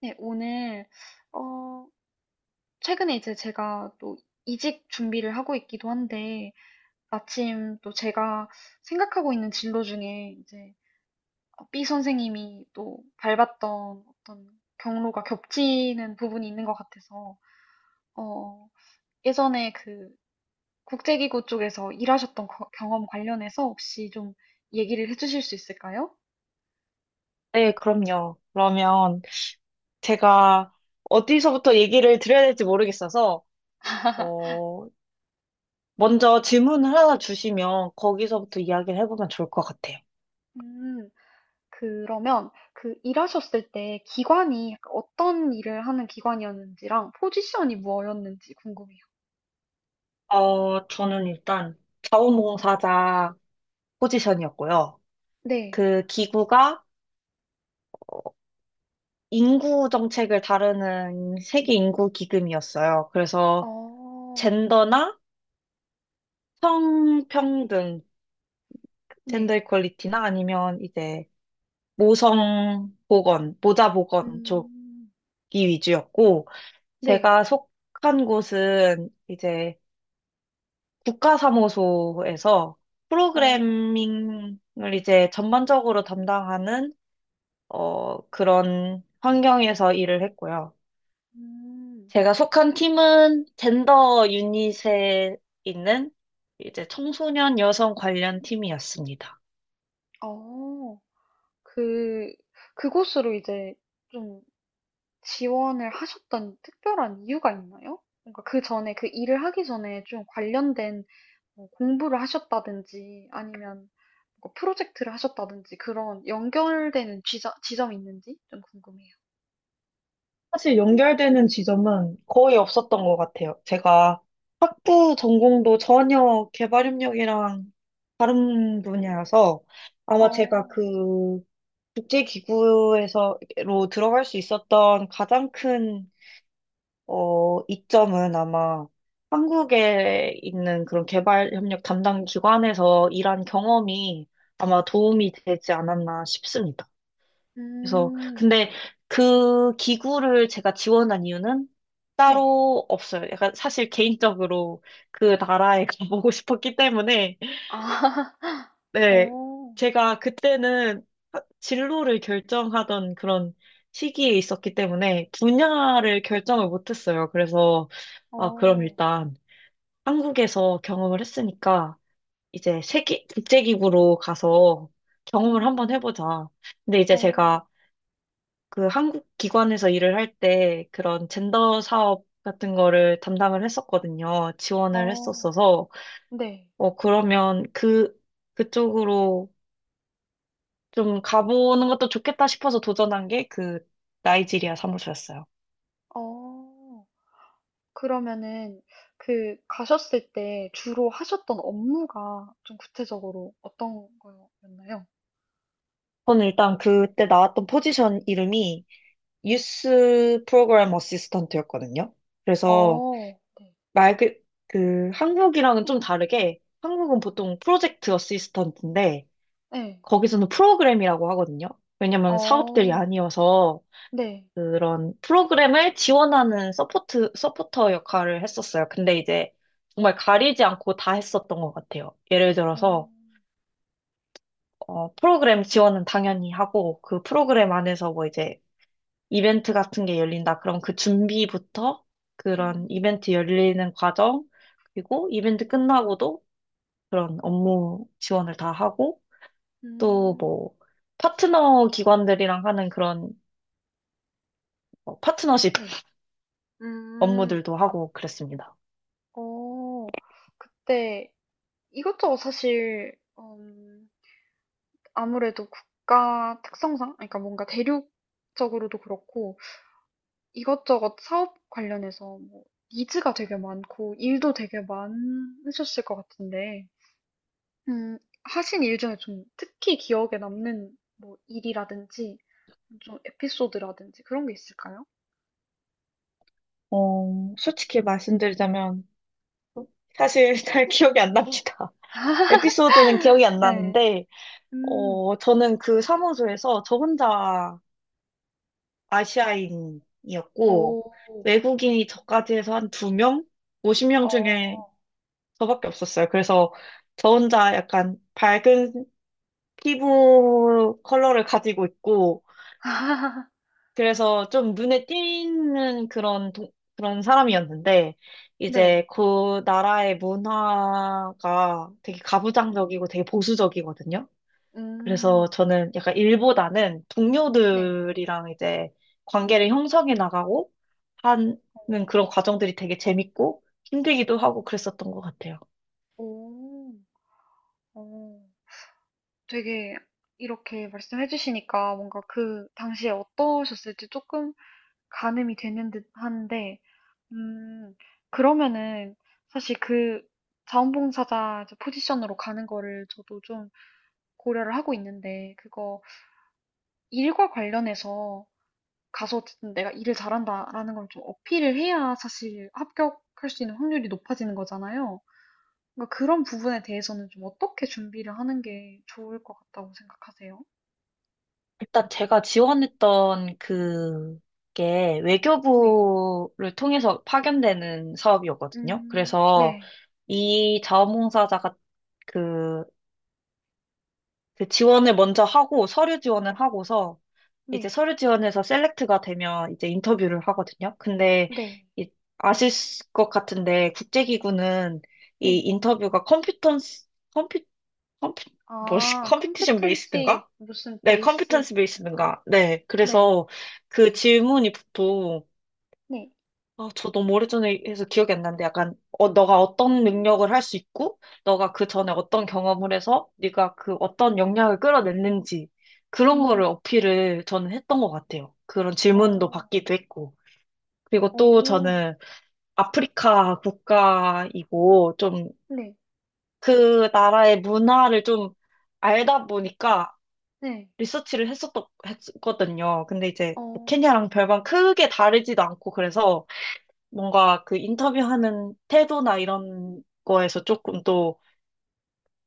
네. 어, 최근에 이제 제가 또 이직 준비를 하고 있기도 한데, 마침 또 제가 생각하고 있는 진로 중에 이제 B 선생님이 또 밟았던 어떤 경로가 겹치는 부분이 있는 것 같아서, 어, 예전에 그 국제기구 쪽에서 경험 관련해서 혹시 좀 얘기를 해주실 수 있을까요? 네, 그럼요. 그러면 제가 어디서부터 얘기를 드려야 될지 모르겠어서, 어, 먼저 질문을 하나 주시면 거기서부터 이야기를 해보면 좋을 것 같아요. 음, 그러면 그 일하셨을 때 기관이 약간 어떤 일을 하는 기관이었는지랑 포지션이 뭐였는지 궁금해요. 저는 일단 자원봉사자 포지션이었고요. 네. 그 기구가 인구 정책을 다루는 세계 인구 기금이었어요. 그래서 어, 젠더나 성평등, 젠더 네. 이퀄리티나 아니면 이제 모성 보건, 모자 보건 음, 위주였고, 네. 제가 속한 곳은 이제 국가사무소에서 어, 프로그래밍을 이제 전반적으로 담당하는, 그런 환경에서 일을 했고요. 음, 제가 속한 팀은 젠더 유닛에 있는 이제 청소년 여성 관련 팀이었습니다. 어, 그, 그곳으로 이제 좀 지원을 하셨던 특별한 이유가 있나요? 뭔가 그 전에, 그 일을 하기 전에 좀 관련된 뭐 공부를 하셨다든지 아니면 뭐 프로젝트를 하셨다든지 그런 연결되는 지점이 있는지 좀 궁금해요. 사실 연결되는 지점은 거의 없었던 것 같아요. 제가 학부 전공도 전혀 개발협력이랑 다른 분야여서 아마 제가 어. 그 국제기구에서로 들어갈 수 있었던 가장 큰, 이점은 아마 한국에 있는 그런 개발협력 담당 기관에서 일한 경험이 아마 도움이 되지 않았나 싶습니다. 그래서 음. 근데 그 기구를 제가 지원한 이유는 네. 따로 없어요. 약간 사실 개인적으로 그 나라에 가보고 싶었기 때문에. 아. 네. 어. 제가 그때는 진로를 결정하던 그런 시기에 있었기 때문에 분야를 결정을 못했어요. 그래서 아, 그럼 어. 일단 한국에서 경험을 했으니까 이제 세계 국제기구로 가서 경험을 한번 음. 해보자. 근데 이제 어. 제가 그 한국 기관에서 일을 할 때 그런 젠더 사업 같은 거를 담당을 했었거든요. 지원을 어. 했었어서, 네. 그러면 그쪽으로 좀 가보는 것도 좋겠다 싶어서 도전한 게 그 나이지리아 사무소였어요. 어. 그러면은 그 가셨을 때 주로 하셨던 업무가 좀 구체적으로 어떤 거였나요? 저는 일단 그때 나왔던 포지션 이름이 유스 프로그램 어시스턴트였거든요. 그래서 어, 네. 말 그, 그 한국이랑은 좀 다르게 한국은 보통 프로젝트 어시스턴트인데 네. 거기서는 프로그램이라고 하거든요. 왜냐면 사업들이 어, 아니어서 네. 그런 프로그램을 지원하는 서포터 역할을 했었어요. 근데 이제 정말 가리지 않고 다 했었던 것 같아요. 예를 어. 들어서, 프로그램 지원은 당연히 하고, 그 프로그램 안에서 뭐 이제 이벤트 같은 게 열린다. 그럼 그 준비부터 그런 음. 이벤트 열리는 과정, 그리고 이벤트 끝나고도 그런 업무 지원을 다 하고, 또 음. 뭐, 파트너 기관들이랑 하는 그런 파트너십 네. 음. 업무들도 하고 그랬습니다. 어. 그때 이것저것 사실 음, 아무래도 국가 특성상, 그러니까 뭔가 대륙적으로도 그렇고 이것저것 사업 관련해서 뭐 니즈가 되게 많고 일도 되게 많으셨을 것 같은데, 음, 하신 일 중에 좀 특히 기억에 남는 뭐 일이라든지 좀 에피소드라든지 그런 게 있을까요? 솔직히 말씀드리자면 사실 잘 기억이 안 납니다. 에피소드는 기억이 안 네. 나는데, 음. 저는 그 사무소에서 저 혼자 아시아인이었고, 오. 외국인이 저까지 해서 한 두 명? 50명 중에 어. 저밖에 없었어요. 그래서 저 혼자 약간 밝은 피부 컬러를 가지고 있고, 그래서 좀 눈에 띄는 그런, 그런 사람이었는데, 네. 이제 그 나라의 문화가 되게 가부장적이고 되게 보수적이거든요. 그래서 음. 저는 약간 일보다는 네. 동료들이랑 이제 관계를 형성해 나가고 하는 그런 과정들이 되게 재밌고 힘들기도 어. 하고 그랬었던 것 같아요. 오. 어. 되게 이렇게 말씀해 주시니까 뭔가 그 당시에 어떠셨을지 조금 가늠이 되는 듯한데, 음 그러면은 사실 그 자원봉사자 이제 포지션으로 가는 거를 저도 좀 고려를 하고 있는데, 그거 일과 관련해서 가서 어쨌든 내가 일을 잘한다라는 걸 좀 어필을 해야 사실 합격할 수 있는 확률이 높아지는 거잖아요. 그러니까 그런 부분에 대해서는 좀 어떻게 준비를 하는 게 좋을 것 같다고 생각하세요? 일단 제가 지원했던 그게 네. 외교부를 통해서 파견되는 사업이었거든요. 그래서 네. 이 자원봉사자가 그, 그 지원을 먼저 하고 서류 지원을 하고서 이제 네. 서류 지원에서 셀렉트가 되면 이제 인터뷰를 하거든요. 근데 네. 이- 아실 것 같은데 국제기구는 이 네. 인터뷰가 컴퓨턴스 컴퓨 컴퓨 뭐 아, 컴피티션 competency 베이스든가? 무슨 네, based. 컴퓨턴스 아, 베이스든가. 네, 네. 그래서 그 질문이 보통 네. 아, 저 너무 오래전에 해서 기억이 안 나는데 약간 너가 어떤 능력을 할 수 있고 너가 그 전에 어떤 경험을 해서 네가 그 어떤 역량을 끌어냈는지 그런 음, 거를 어필을 저는 했던 것 같아요. 그런 질문도 어. 받기도 했고 그리고 또 오. 저는 아프리카 국가이고 좀 네. 그 나라의 문화를 좀 알다 보니까 네. 리서치를 했었 했거든요. 근데 이제 뭐 어. 케냐랑 별반 크게 다르지도 않고 그래서 뭔가 그 인터뷰하는 태도나 이런 거에서 조금 또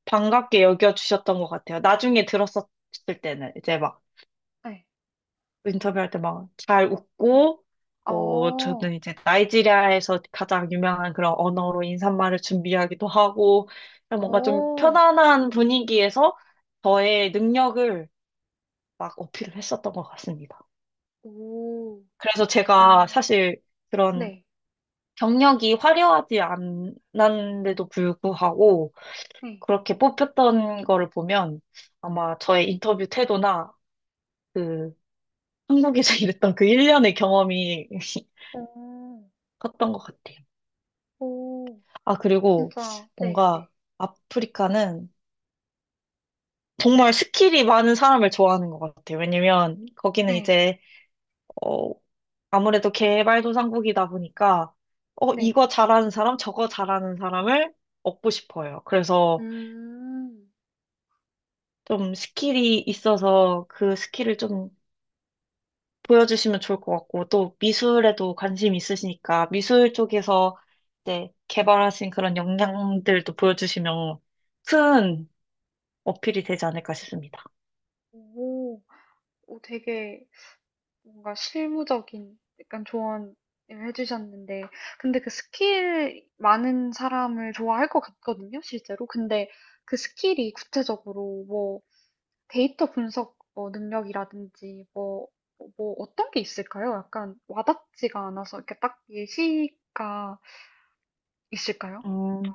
반갑게 여겨주셨던 것 같아요. 나중에 들었었을 때는 이제 막 네. 인터뷰할 때 막 잘 음. 웃고 뭐 어. 저는 이제 나이지리아에서 가장 유명한 그런 언어로 인사말을 준비하기도 하고 그냥 뭔가 좀 어. 편안한 분위기에서 저의 능력을 막 어필을 했었던 것 같습니다. 오. 그래서 제가 아. 사실 그런 네. 경력이 화려하지 않았는데도 불구하고 네. 그렇게 뽑혔던 거를 보면 아마 저의 인터뷰 태도나 그 한국에서 일했던 그 1년의 경험이 어. 컸던 것 같아요. 오. 아, 그리고 진짜, 네, 뭔가 네. 아프리카는 정말 스킬이 많은 사람을 좋아하는 것 같아요. 왜냐면 거기는 네. 이제, 어, 아무래도 개발도상국이다 보니까, 네. 이거 잘하는 사람, 저거 잘하는 사람을 얻고 싶어요. 그래서 음. 좀 스킬이 있어서 그 스킬을 좀 보여주시면 좋을 것 같고, 또 미술에도 관심 있으시니까, 미술 쪽에서 이제 개발하신 그런 역량들도 보여주시면 큰 어필이 되지 않을까 싶습니다. 오. 오, 되게 뭔가 실무적인 약간 조언을 해 주셨는데, 근데 그 스킬 많은 사람을 좋아할 것 같거든요, 실제로. 근데 그 스킬이 구체적으로 뭐 데이터 분석 뭐 능력이라든지 뭐 어떤 게 있을까요? 약간 와닿지가 않아서 이렇게 딱 예시가 있을까요? 음, 뭔가?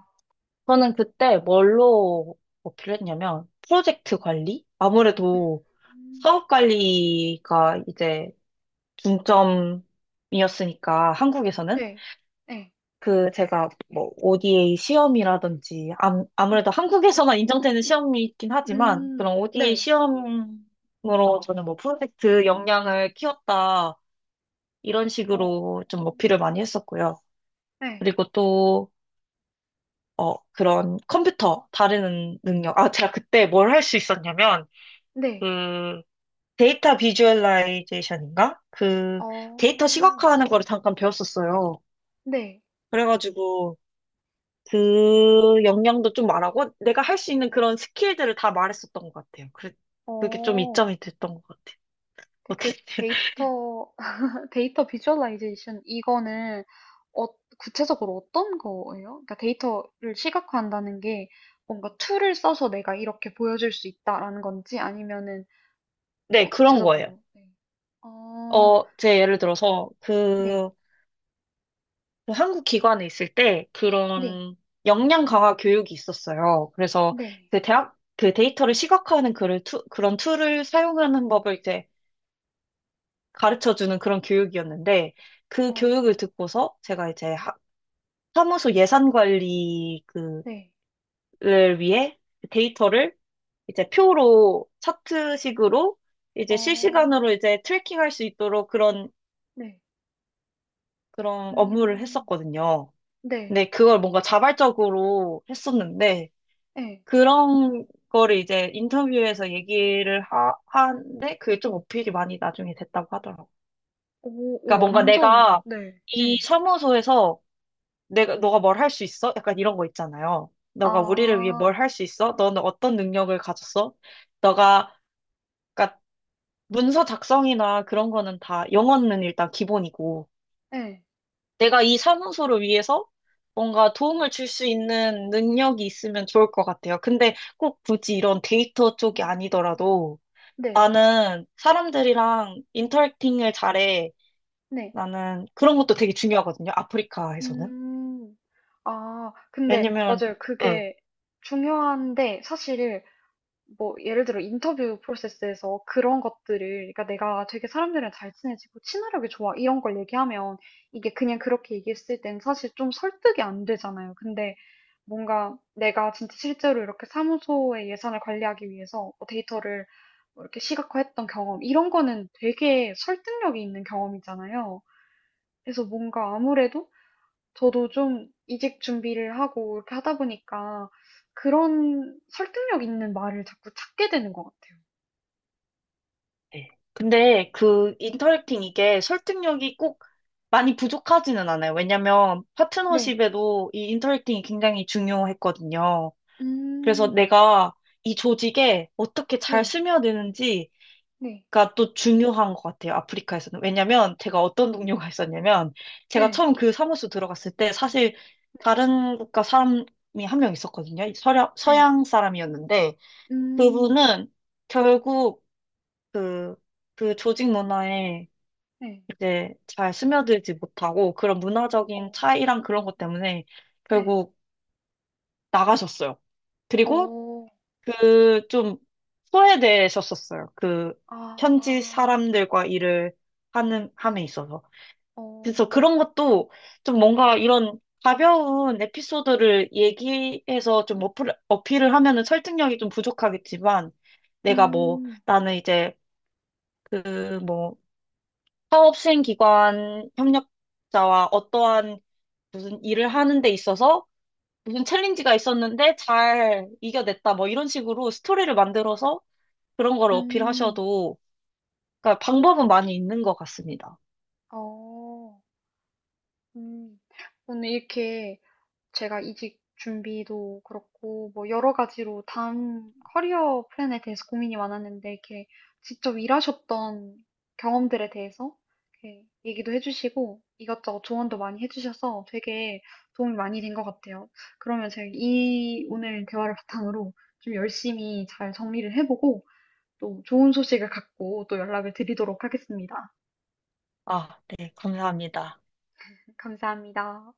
저는 그때 뭘로 어필했냐면, 프로젝트 관리? 아무래도 음. 사업 관리가 이제 중점이었으니까, 한국에서는. 네. 네. 그 제가 뭐 ODA 시험이라든지 암, 아무래도 네. 한국에서만 인정되는 시험이 있긴 하지만 음. 그런 ODA 네. 시험으로 저는 뭐 프로젝트 역량을 키웠다 이런 어. 식으로 좀 어필을 많이 했었고요. 네. 그리고 또 그런 컴퓨터 다루는 능력. 아, 제가 그때 뭘 할 수 있었냐면 네. 그 데이터 비주얼라이제이션인가? 그 데이터 어. 시각화하는 거를 잠깐 배웠었어요. 네. 그래가지고 그 역량도 좀 말하고 내가 할 수 있는 그런 스킬들을 다 말했었던 것 같아요. 그게 좀 어. 이점이 됐던 것 같아요. 근데 어떻게, 그 데이터, 데이터 비주얼라이제이션 이거는 어 구체적으로 어떤 거예요? 그러니까 데이터를 시각화한다는 게 뭔가 툴을 써서 내가 이렇게 보여줄 수 있다라는 건지 아니면은, 네, 그런 거예요. 구체적으로. 네. 어. 제 예를 들어서 네. 그 한국 기관에 있을 때 네. 그런 역량 강화 교육이 있었어요. 그래서 네. 그 데이터를 시각화하는 그런 툴을 사용하는 법을 이제 가르쳐주는 그런 교육이었는데 그 어. 교육을 듣고서 제가 이제 사무소 예산 관리 그 네. 를 위해 데이터를 이제 표로 차트식으로 이제 어. 실시간으로 이제 트래킹할 수 있도록 그런 네. 그런 업무를 음. 했었거든요. 네. 근데 그걸 뭔가 자발적으로 했었는데 예. 그런 거를 이제 인터뷰에서 얘기를 하는데 그게 좀 어필이 많이 나중에 됐다고 하더라고요. 오, 오, 그러니까 뭔가 완전. 내가 네. 이 예. 사무소에서 내가 너가 뭘 할 수 있어? 약간 이런 거 있잖아요. 너가 우리를 위해 뭘 아. 할 수 있어? 너는 어떤 능력을 가졌어? 너가 그러니까 문서 작성이나 그런 거는 다 영어는 일단 기본이고 예. 내가 이 사무소를 위해서 뭔가 도움을 줄 수 있는 능력이 있으면 좋을 것 같아요. 근데 꼭 굳이 이런 데이터 쪽이 음. 아니더라도 네. 나는 사람들이랑 인터랙팅을 잘해. 네. 나는 그런 것도 되게 중요하거든요. 아프리카에서는. 음. 아, 근데 왜냐면 맞아요. 예. 그게 중요한데 사실 뭐 예를 들어 인터뷰 프로세스에서 그런 것들을, 그러니까 내가 되게 사람들이랑 잘 친해지고 친화력이 좋아 이런 걸 얘기하면, 이게 그냥 그렇게 얘기했을 땐 사실 좀 설득이 안 되잖아요. 근데 뭔가 내가 진짜 실제로 이렇게 사무소의 예산을 관리하기 위해서 뭐 데이터를 뭐 이렇게 시각화했던 경험 이런 거는 되게 설득력이 있는 경험이잖아요. 그래서 뭔가 아무래도 저도 좀 이직 준비를 하고 이렇게 하다 보니까, 그런 설득력 있는 말을 자꾸 찾게 되는 것 같아요. 네. 근데 그 네. 인터랙팅 이게 설득력이 꼭 많이 부족하지는 않아요. 왜냐면 네. 파트너십에도 이 인터랙팅이 굉장히 중요했거든요. 그래서 음. 내가 이 조직에 어떻게 잘 네. 스며드는지가 네. 또 중요한 것 같아요. 아프리카에서는. 왜냐면 제가 어떤 동료가 있었냐면 제가 네. 처음 그 사무소 들어갔을 때 사실 네. 다른 국가 사람이 한 명 있었거든요. 네. 서양 사람이었는데 음. 그분은 결국 그, 그 조직 문화에 네. 이제 잘 스며들지 못하고 그런 문화적인 어. 차이랑 그런 것 때문에 네. 결국 나가셨어요. 그리고 어. 그 좀 소외되셨었어요. 그 아. 현지 사람들과 일을 하는, 함에 있어서. 그래서 어. 그런 것도 좀 뭔가 이런 가벼운 에피소드를 얘기해서 좀 어필을 하면은 설득력이 좀 부족하겠지만 내가 뭐 음. 나는 이제 그뭐 사업 시행 기관 협력자와 어떠한 무슨 일을 하는 데 있어서 무슨 챌린지가 있었는데 잘 이겨냈다. 뭐 이런 식으로 스토리를 만들어서 그런 걸 음. 어필하셔도, 그러니까 방법은 많이 있는 것 같습니다. 어. 음. 오늘 이렇게 제가 이직 준비도 그렇고 뭐 여러 가지로 다음 커리어 플랜에 대해서 고민이 많았는데, 이렇게 직접 일하셨던 경험들에 대해서 이렇게 얘기도 해주시고 이것저것 조언도 많이 해주셔서 되게 도움이 많이 된 것 같아요. 그러면 제가 이 오늘 대화를 바탕으로 좀 열심히 잘 정리를 해보고 또 좋은 소식을 갖고 또 연락을 드리도록 하겠습니다. 아, 네, 감사합니다. 감사합니다.